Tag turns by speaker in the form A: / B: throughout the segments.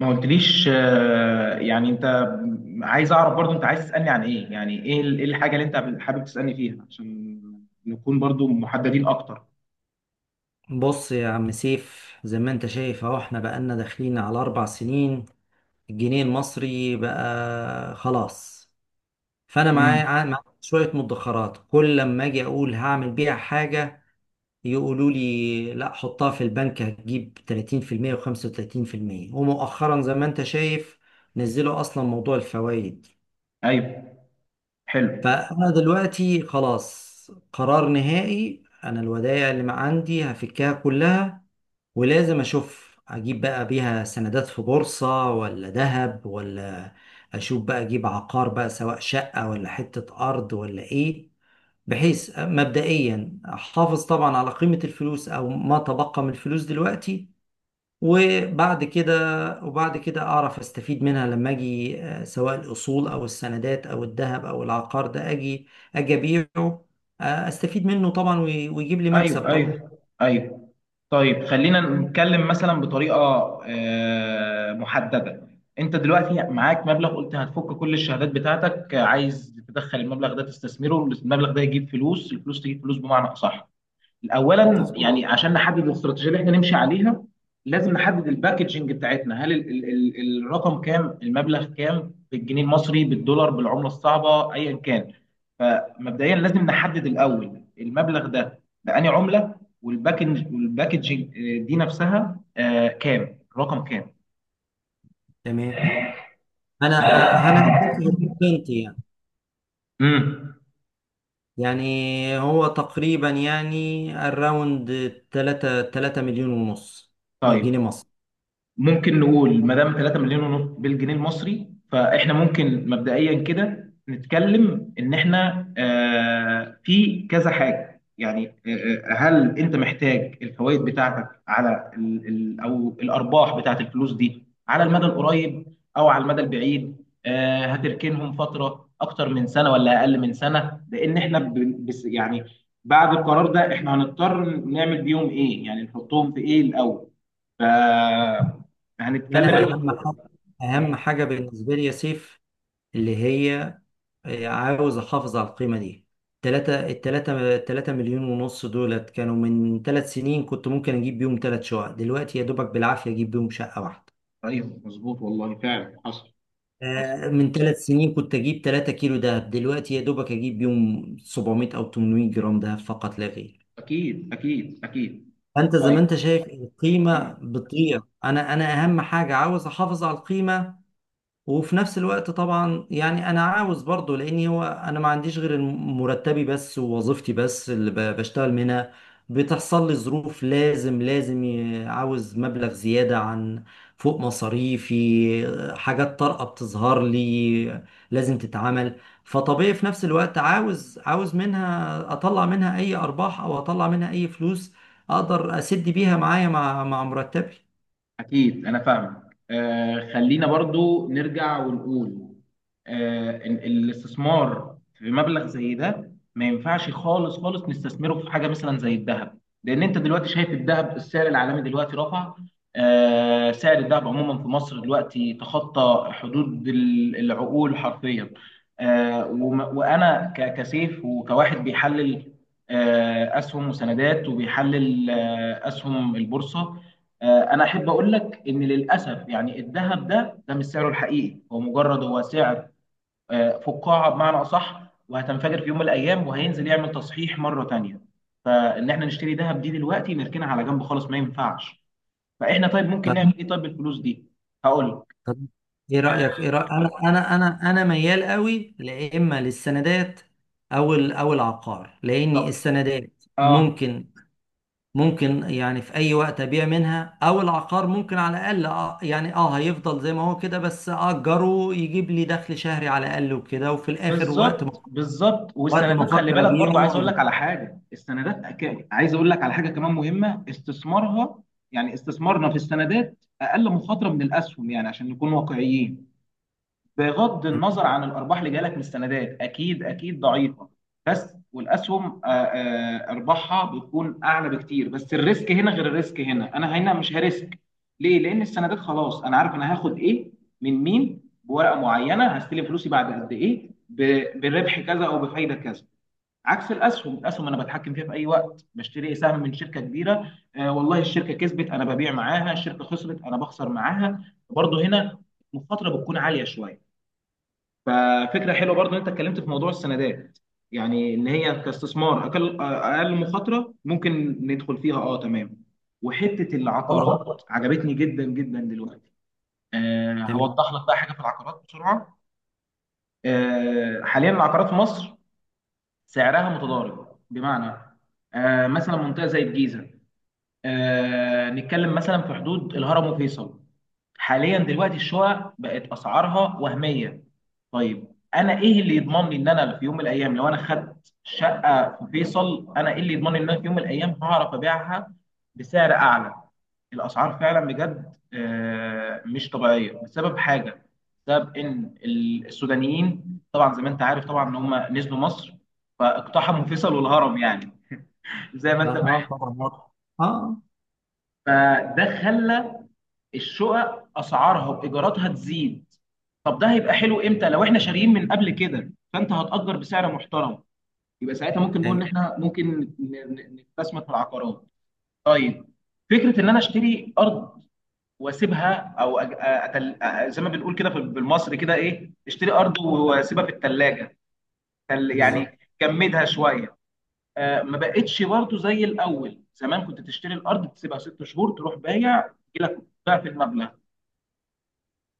A: ما قلتليش. يعني انت عايز اعرف برضو، انت عايز تسألني عن ايه؟ يعني ايه إيه الحاجة اللي انت حابب تسألني فيها عشان نكون برضو محددين اكتر.
B: بص يا عم سيف، زي ما انت شايف اهو احنا بقالنا داخلين على اربع سنين. الجنيه المصري بقى خلاص. فانا
A: امم.
B: معايا معايا شوية مدخرات، كل لما اجي اقول هعمل بيها حاجة يقولوا لي لا حطها في البنك هتجيب 30% و35%. ومؤخرا زي ما انت شايف نزلوا اصلا موضوع الفوائد.
A: ايوه، حلو.
B: فانا دلوقتي خلاص قرار نهائي، انا الودائع اللي ما عندي هفكها كلها. ولازم اشوف اجيب بقى بيها سندات في بورصة، ولا ذهب، ولا اشوف بقى اجيب عقار بقى، سواء شقة ولا حتة ارض ولا ايه. بحيث مبدئيا احافظ طبعا على قيمة الفلوس، او ما تبقى من الفلوس دلوقتي. وبعد كده وبعد كده اعرف استفيد منها لما اجي، سواء الاصول او السندات او الذهب او العقار ده، اجي ابيعه. استفيد منه طبعا، ويجيب لي مكسب
A: ايوه
B: طبعا.
A: ايوه ايوه. طيب خلينا نتكلم مثلا بطريقة محددة. انت دلوقتي معاك مبلغ، قلت هتفك كل الشهادات بتاعتك. عايز تدخل المبلغ ده تستثمره، المبلغ ده يجيب فلوس، الفلوس تجيب فلوس بمعنى اصح. اولا
B: مظبوط.
A: يعني عشان نحدد الاستراتيجيه اللي احنا نمشي عليها، لازم نحدد الباكجنج بتاعتنا. هل ال ال ال الرقم كام؟ المبلغ كام؟ بالجنيه المصري، بالدولار، بالعمله الصعبه، ايا كان؟ فمبدئيا لازم نحدد الاول المبلغ ده بأني عمله. والباكجنج دي نفسها كام؟ رقم كام؟
B: تمام. انا انا هديك انت يعني.
A: امم.
B: يعني هو تقريبا يعني الراوند 3 مليون ونص
A: طيب
B: جنيه مصري.
A: ممكن نقول ما دام 3 مليون ونص بالجنيه المصري، فاحنا ممكن مبدئيا كده نتكلم ان احنا في كذا حاجه يعني. هل انت محتاج الفوائد بتاعتك على او الارباح بتاعت الفلوس دي على المدى القريب، او على المدى البعيد؟ هتركنهم فتره اكتر من سنه، ولا اقل من سنه؟ لان احنا بس يعني بعد القرار ده احنا هنضطر نعمل بيهم ايه؟ يعني نحطهم في ايه الاول؟ ف هنتكلم.
B: انا
A: ايوه
B: اهم حاجه، اهم حاجه بالنسبه لي يا سيف اللي هي، عاوز احافظ على القيمه دي. 3 مليون ونص دولت، كانوا من 3 سنين كنت ممكن اجيب بيهم 3 شقق، دلوقتي يا دوبك بالعافيه اجيب بيهم شقه واحده.
A: ايوه، مظبوط والله، فعلا حصل. حصل،
B: من ثلاث سنين كنت اجيب 3 كيلو دهب، دلوقتي يا دوبك اجيب يوم 700 او 800 جرام دهب فقط لا غير.
A: اكيد اكيد اكيد.
B: فانت زي ما
A: طيب
B: انت شايف القيمه بتضيع. انا اهم حاجه عاوز احافظ على القيمه. وفي نفس الوقت طبعا يعني انا عاوز برضه، لاني هو انا ما عنديش غير مرتبي بس ووظيفتي بس اللي بشتغل منها. بتحصل لي ظروف لازم، عاوز مبلغ زيادة عن، فوق مصاريفي، حاجات طارئة بتظهر لي لازم تتعمل. فطبيعي في نفس الوقت عاوز منها، اطلع منها اي ارباح او اطلع منها اي فلوس اقدر اسد بيها معايا مع مرتبي.
A: أكيد أنا فاهمك. خلينا برضو نرجع ونقول إن الاستثمار في مبلغ زي ده ما ينفعش خالص خالص نستثمره في حاجة مثلا زي الذهب، لأن أنت دلوقتي شايف الذهب، السعر العالمي دلوقتي رفع. سعر الذهب عموما في مصر دلوقتي تخطى حدود العقول حرفيا. وأنا كسيف وكواحد بيحلل أسهم وسندات، وبيحلل أسهم البورصة. انا احب اقول لك ان للاسف يعني الذهب ده مش سعره الحقيقي، هو مجرد هو سعر فقاعه بمعنى اصح، وهتنفجر في يوم من الايام، وهينزل يعمل تصحيح مره تانية. فان احنا نشتري ذهب دي دلوقتي نركنها على جنب خالص ما ينفعش. فاحنا طيب ممكن نعمل ايه طيب بالفلوس دي؟ هقول لك.
B: طب ايه رأيك؟ انا ميال قوي، لا اما للسندات او او العقار. لان
A: طب،
B: السندات
A: اه،
B: ممكن يعني في اي وقت ابيع منها. او العقار ممكن على الاقل، يعني هيفضل زي ما هو كده، بس اجره يجيب لي دخل شهري على الاقل وكده، وفي الاخر وقت
A: بالظبط
B: ما
A: بالظبط.
B: وقت ما
A: والسندات خلي
B: افكر
A: بالك
B: ابيعه
A: برضو، عايز اقول لك
B: أجيب.
A: على حاجه. السندات عايز اقول لك على حاجه كمان مهمه استثمارها. يعني استثمارنا في السندات اقل مخاطره من الاسهم، يعني عشان نكون واقعيين. بغض النظر عن الارباح اللي جايه لك من السندات، اكيد اكيد ضعيفه. بس والاسهم ارباحها بتكون اعلى بكتير، بس الريسك هنا غير الريسك هنا، انا هنا مش هريسك. ليه؟ لان السندات خلاص انا عارف انا هاخد ايه، من مين، بورقه معينه، هستلم فلوسي بعد قد ايه، بربح كذا او بفايده كذا. عكس الاسهم، الاسهم انا بتحكم فيها في اي وقت، بشتري سهم من شركه كبيره. والله الشركه كسبت انا ببيع معاها، الشركه خسرت انا بخسر معاها. برضه هنا المخاطره بتكون عاليه شويه. ففكره حلوه برضو ان انت اتكلمت في موضوع السندات، يعني ان هي كاستثمار اقل مخاطره، ممكن ندخل فيها. اه تمام. وحته
B: خلاص.
A: العقارات عجبتني جدا جدا دلوقتي.
B: تمام.
A: هوضح لك بقى حاجه في العقارات بسرعه. حاليا العقارات في مصر سعرها متضارب، بمعنى مثلا منطقه زي الجيزه، نتكلم مثلا في حدود الهرم وفيصل، حاليا دلوقتي الشقق بقت اسعارها وهميه. طيب انا ايه اللي يضمن لي ان انا في يوم من الايام لو انا خدت شقه في فيصل، انا ايه اللي يضمن لي ان انا في يوم من الايام هعرف ابيعها بسعر اعلى؟ الاسعار فعلا بجد مش طبيعيه، بسبب حاجه، بسبب ان السودانيين طبعا زي ما انت عارف طبعا ان هم نزلوا مصر، فاقتحموا فيصل والهرم، يعني زي ما
B: اه،
A: انت فاهم.
B: آه، طبعا، آه. اه،
A: فده خلى الشقق اسعارها وايجاراتها تزيد. طب ده هيبقى حلو امتى؟ لو احنا شاريين من قبل كده، فانت هتأجر بسعر محترم، يبقى ساعتها ممكن نقول ان
B: ايوه،
A: احنا ممكن نستثمر في العقارات. طيب فكرة ان انا اشتري ارض واسيبها، او زي ما بنقول كده بالمصري كده، ايه، اشتري ارض واسيبها في الثلاجة، يعني
B: بالظبط.
A: جمدها شوية. ما بقتش برضه زي الاول، زمان كنت تشتري الارض تسيبها ست شهور تروح بايع يجي لك ضعف المبلغ.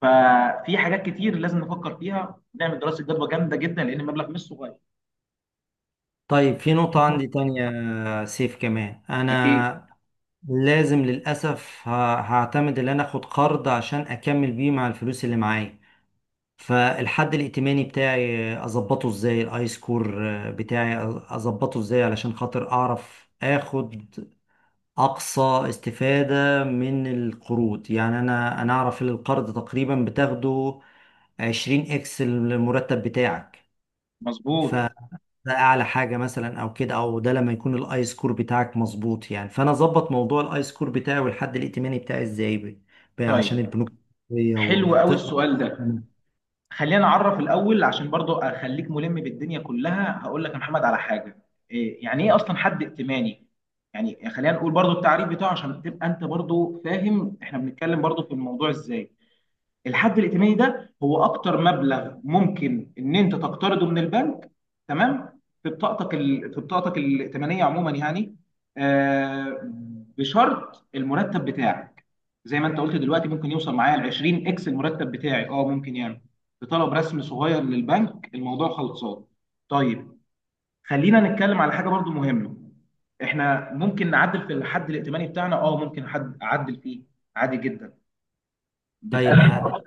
A: ففي حاجات كتير لازم نفكر فيها، نعمل دراسه جدوى جامده جدا، لان المبلغ مش صغير.
B: طيب في نقطة عندي تانية سيف، كمان
A: أكيد.
B: أنا لازم للأسف هعتمد إن أنا آخد قرض عشان أكمل بيه مع الفلوس اللي معايا. فالحد الائتماني بتاعي أظبطه إزاي، الآي سكور بتاعي أظبطه إزاي، علشان خاطر أعرف آخد أقصى استفادة من القروض. يعني أنا أعرف إن القرض تقريبا بتاخده 20 إكس المرتب بتاعك. ف...
A: مظبوط.
B: ده اعلى حاجه مثلا، او كده، او ده لما يكون الاي سكور بتاعك مظبوط. يعني فانا اظبط موضوع الاي سكور بتاعي والحد الائتماني بتاعي ازاي، عشان
A: طيب
B: البنوك التحتية
A: حلو قوي
B: وتقرا.
A: السؤال ده. خلينا نعرف الأول، عشان برضو أخليك ملم بالدنيا كلها، هقول لك يا محمد على حاجة. إيه يعني إيه أصلا حد ائتماني؟ يعني خلينا نقول برضو التعريف بتاعه عشان تبقى أنت برضو فاهم إحنا بنتكلم برضو في الموضوع إزاي. الحد الائتماني ده هو اكتر مبلغ ممكن ان انت تقترضه من البنك، تمام، في بطاقتك ال... في بطاقتك الائتمانيه عموما يعني. آه بشرط المرتب بتاعك، زي ما انت قلت دلوقتي، ممكن يوصل معايا ل 20 اكس المرتب بتاعي. اه ممكن يعمل بطلب رسم صغير للبنك، الموضوع خلصان. طيب خلينا نتكلم على حاجه برضو مهمه. احنا ممكن نعدل في الحد الائتماني بتاعنا. اه ممكن، حد اعدل فيه عادي جدا،
B: طيب،
A: بتقدم.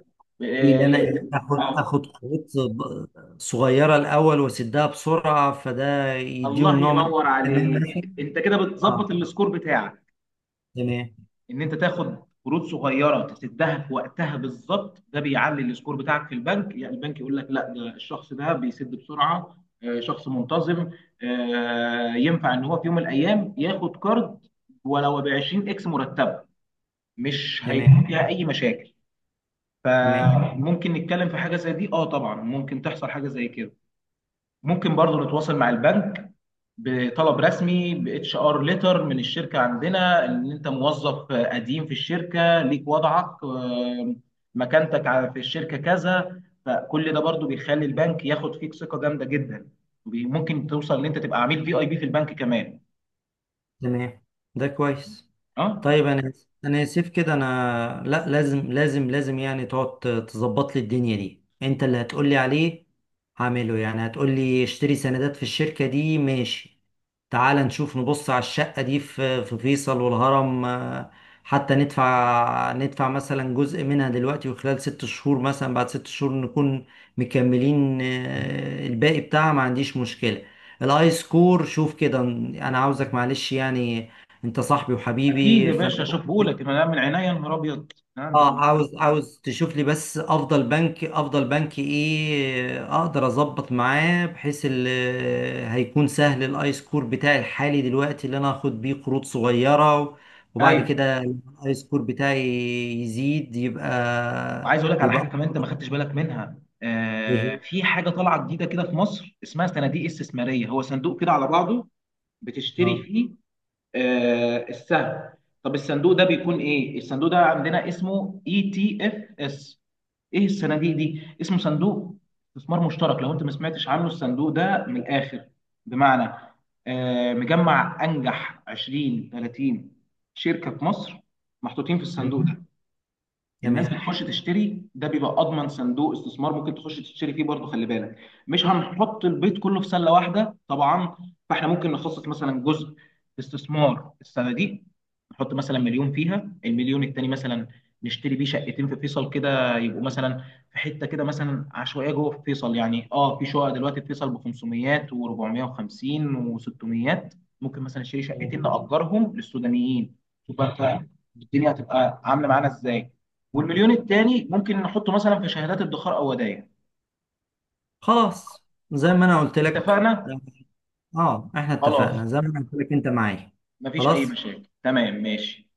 B: ايه اللي انا إيه؟ اخد
A: آه،
B: اخد خطوات صغيره الاول واسدها بسرعه، فده
A: الله
B: يديهم نوع من
A: ينور
B: الامان
A: عليك.
B: مثلا.
A: انت كده بتظبط
B: اه،
A: السكور بتاعك،
B: تمام
A: ان انت تاخد قروض صغيره تسدها في وقتها بالظبط، ده بيعلي السكور بتاعك في البنك، يعني البنك يقول لك لا، ده الشخص ده بيسد بسرعه، شخص منتظم، ينفع ان هو في يوم من الايام ياخد كارد ولو ب 20 اكس مرتبه، مش هيكون
B: تمام
A: فيها اي مشاكل.
B: تمام
A: فممكن نتكلم في حاجه زي دي، اه، طبعا ممكن تحصل حاجه زي كده. ممكن برضو نتواصل مع البنك بطلب رسمي، باتش ار ليتر من الشركه عندنا، ان انت موظف قديم في الشركه، ليك وضعك مكانتك في الشركه كذا، فكل ده برضو بيخلي البنك ياخد فيك ثقه جامده جدا، ممكن توصل ان انت تبقى عميل في اي بي في البنك كمان.
B: تمام. ده كويس.
A: اه
B: طيب انا اسف كده. انا لا، لازم يعني تقعد تظبط لي الدنيا دي. انت اللي هتقول لي عليه هعمله، يعني هتقول لي اشتري سندات في الشركة دي ماشي، تعال نشوف نبص على الشقة دي في في فيصل والهرم، حتى ندفع مثلا جزء منها دلوقتي وخلال ست شهور مثلا. بعد ست شهور نكون مكملين الباقي بتاعها، ما عنديش مشكلة. الاي سكور شوف كده، انا عاوزك معلش يعني، انت صاحبي
A: اكيد
B: وحبيبي
A: يا باشا،
B: فانا.
A: اشوفه لك انا من عينيا يا نهار ابيض. انت
B: اه،
A: تؤمر.
B: عاوز تشوف لي بس افضل بنك ايه اقدر اظبط معاه بحيث هيكون سهل. الاي سكور بتاعي الحالي دلوقتي اللي انا اخد بيه قروض صغيرة، وبعد
A: ايوه،
B: كده الاي سكور بتاعي يزيد يبقى
A: وعايز اقول لك على حاجه
B: يبقى
A: كمان انت ما خدتش بالك منها. في حاجه طالعه جديده كده في مصر اسمها صناديق استثماريه، هو صندوق كده على بعضه
B: اه،
A: بتشتري فيه السهم. طب الصندوق ده بيكون ايه؟ الصندوق ده عندنا اسمه اي تي اف اس. ايه الصناديق دي؟ اسمه صندوق استثمار مشترك لو انت ما سمعتش عنه. الصندوق ده من الاخر بمعنى مجمع انجح 20 30 شركة في مصر محطوطين في الصندوق ده. الناس
B: تمام
A: بتخش تشتري ده، بيبقى اضمن صندوق استثمار، ممكن تخش تشتري فيه برضه. خلي بالك مش هنحط البيت كله في سله واحده طبعا. فاحنا ممكن نخصص مثلا جزء استثمار السنه دي، نحط مثلا مليون فيها. المليون التاني مثلا نشتري بيه شقتين في فيصل كده، يبقوا مثلا في حته كده مثلا عشوائيه جوه في فيصل، يعني اه في شقق دلوقتي في فيصل ب 500 و450 و600، ممكن مثلا نشتري
B: تمام.
A: شقتين نأجرهم للسودانيين. شوف بقى انت الدنيا هتبقى عامله معانا ازاي. والمليون التاني ممكن نحطه مثلا في شهادات ادخار او ودائع.
B: خلاص. زي ما انا قلت لك،
A: اتفقنا.
B: اه، احنا
A: خلاص
B: اتفقنا زي ما انا قلت لك انت معايا.
A: مفيش اي
B: خلاص
A: مشاكل، تمام، ماشي.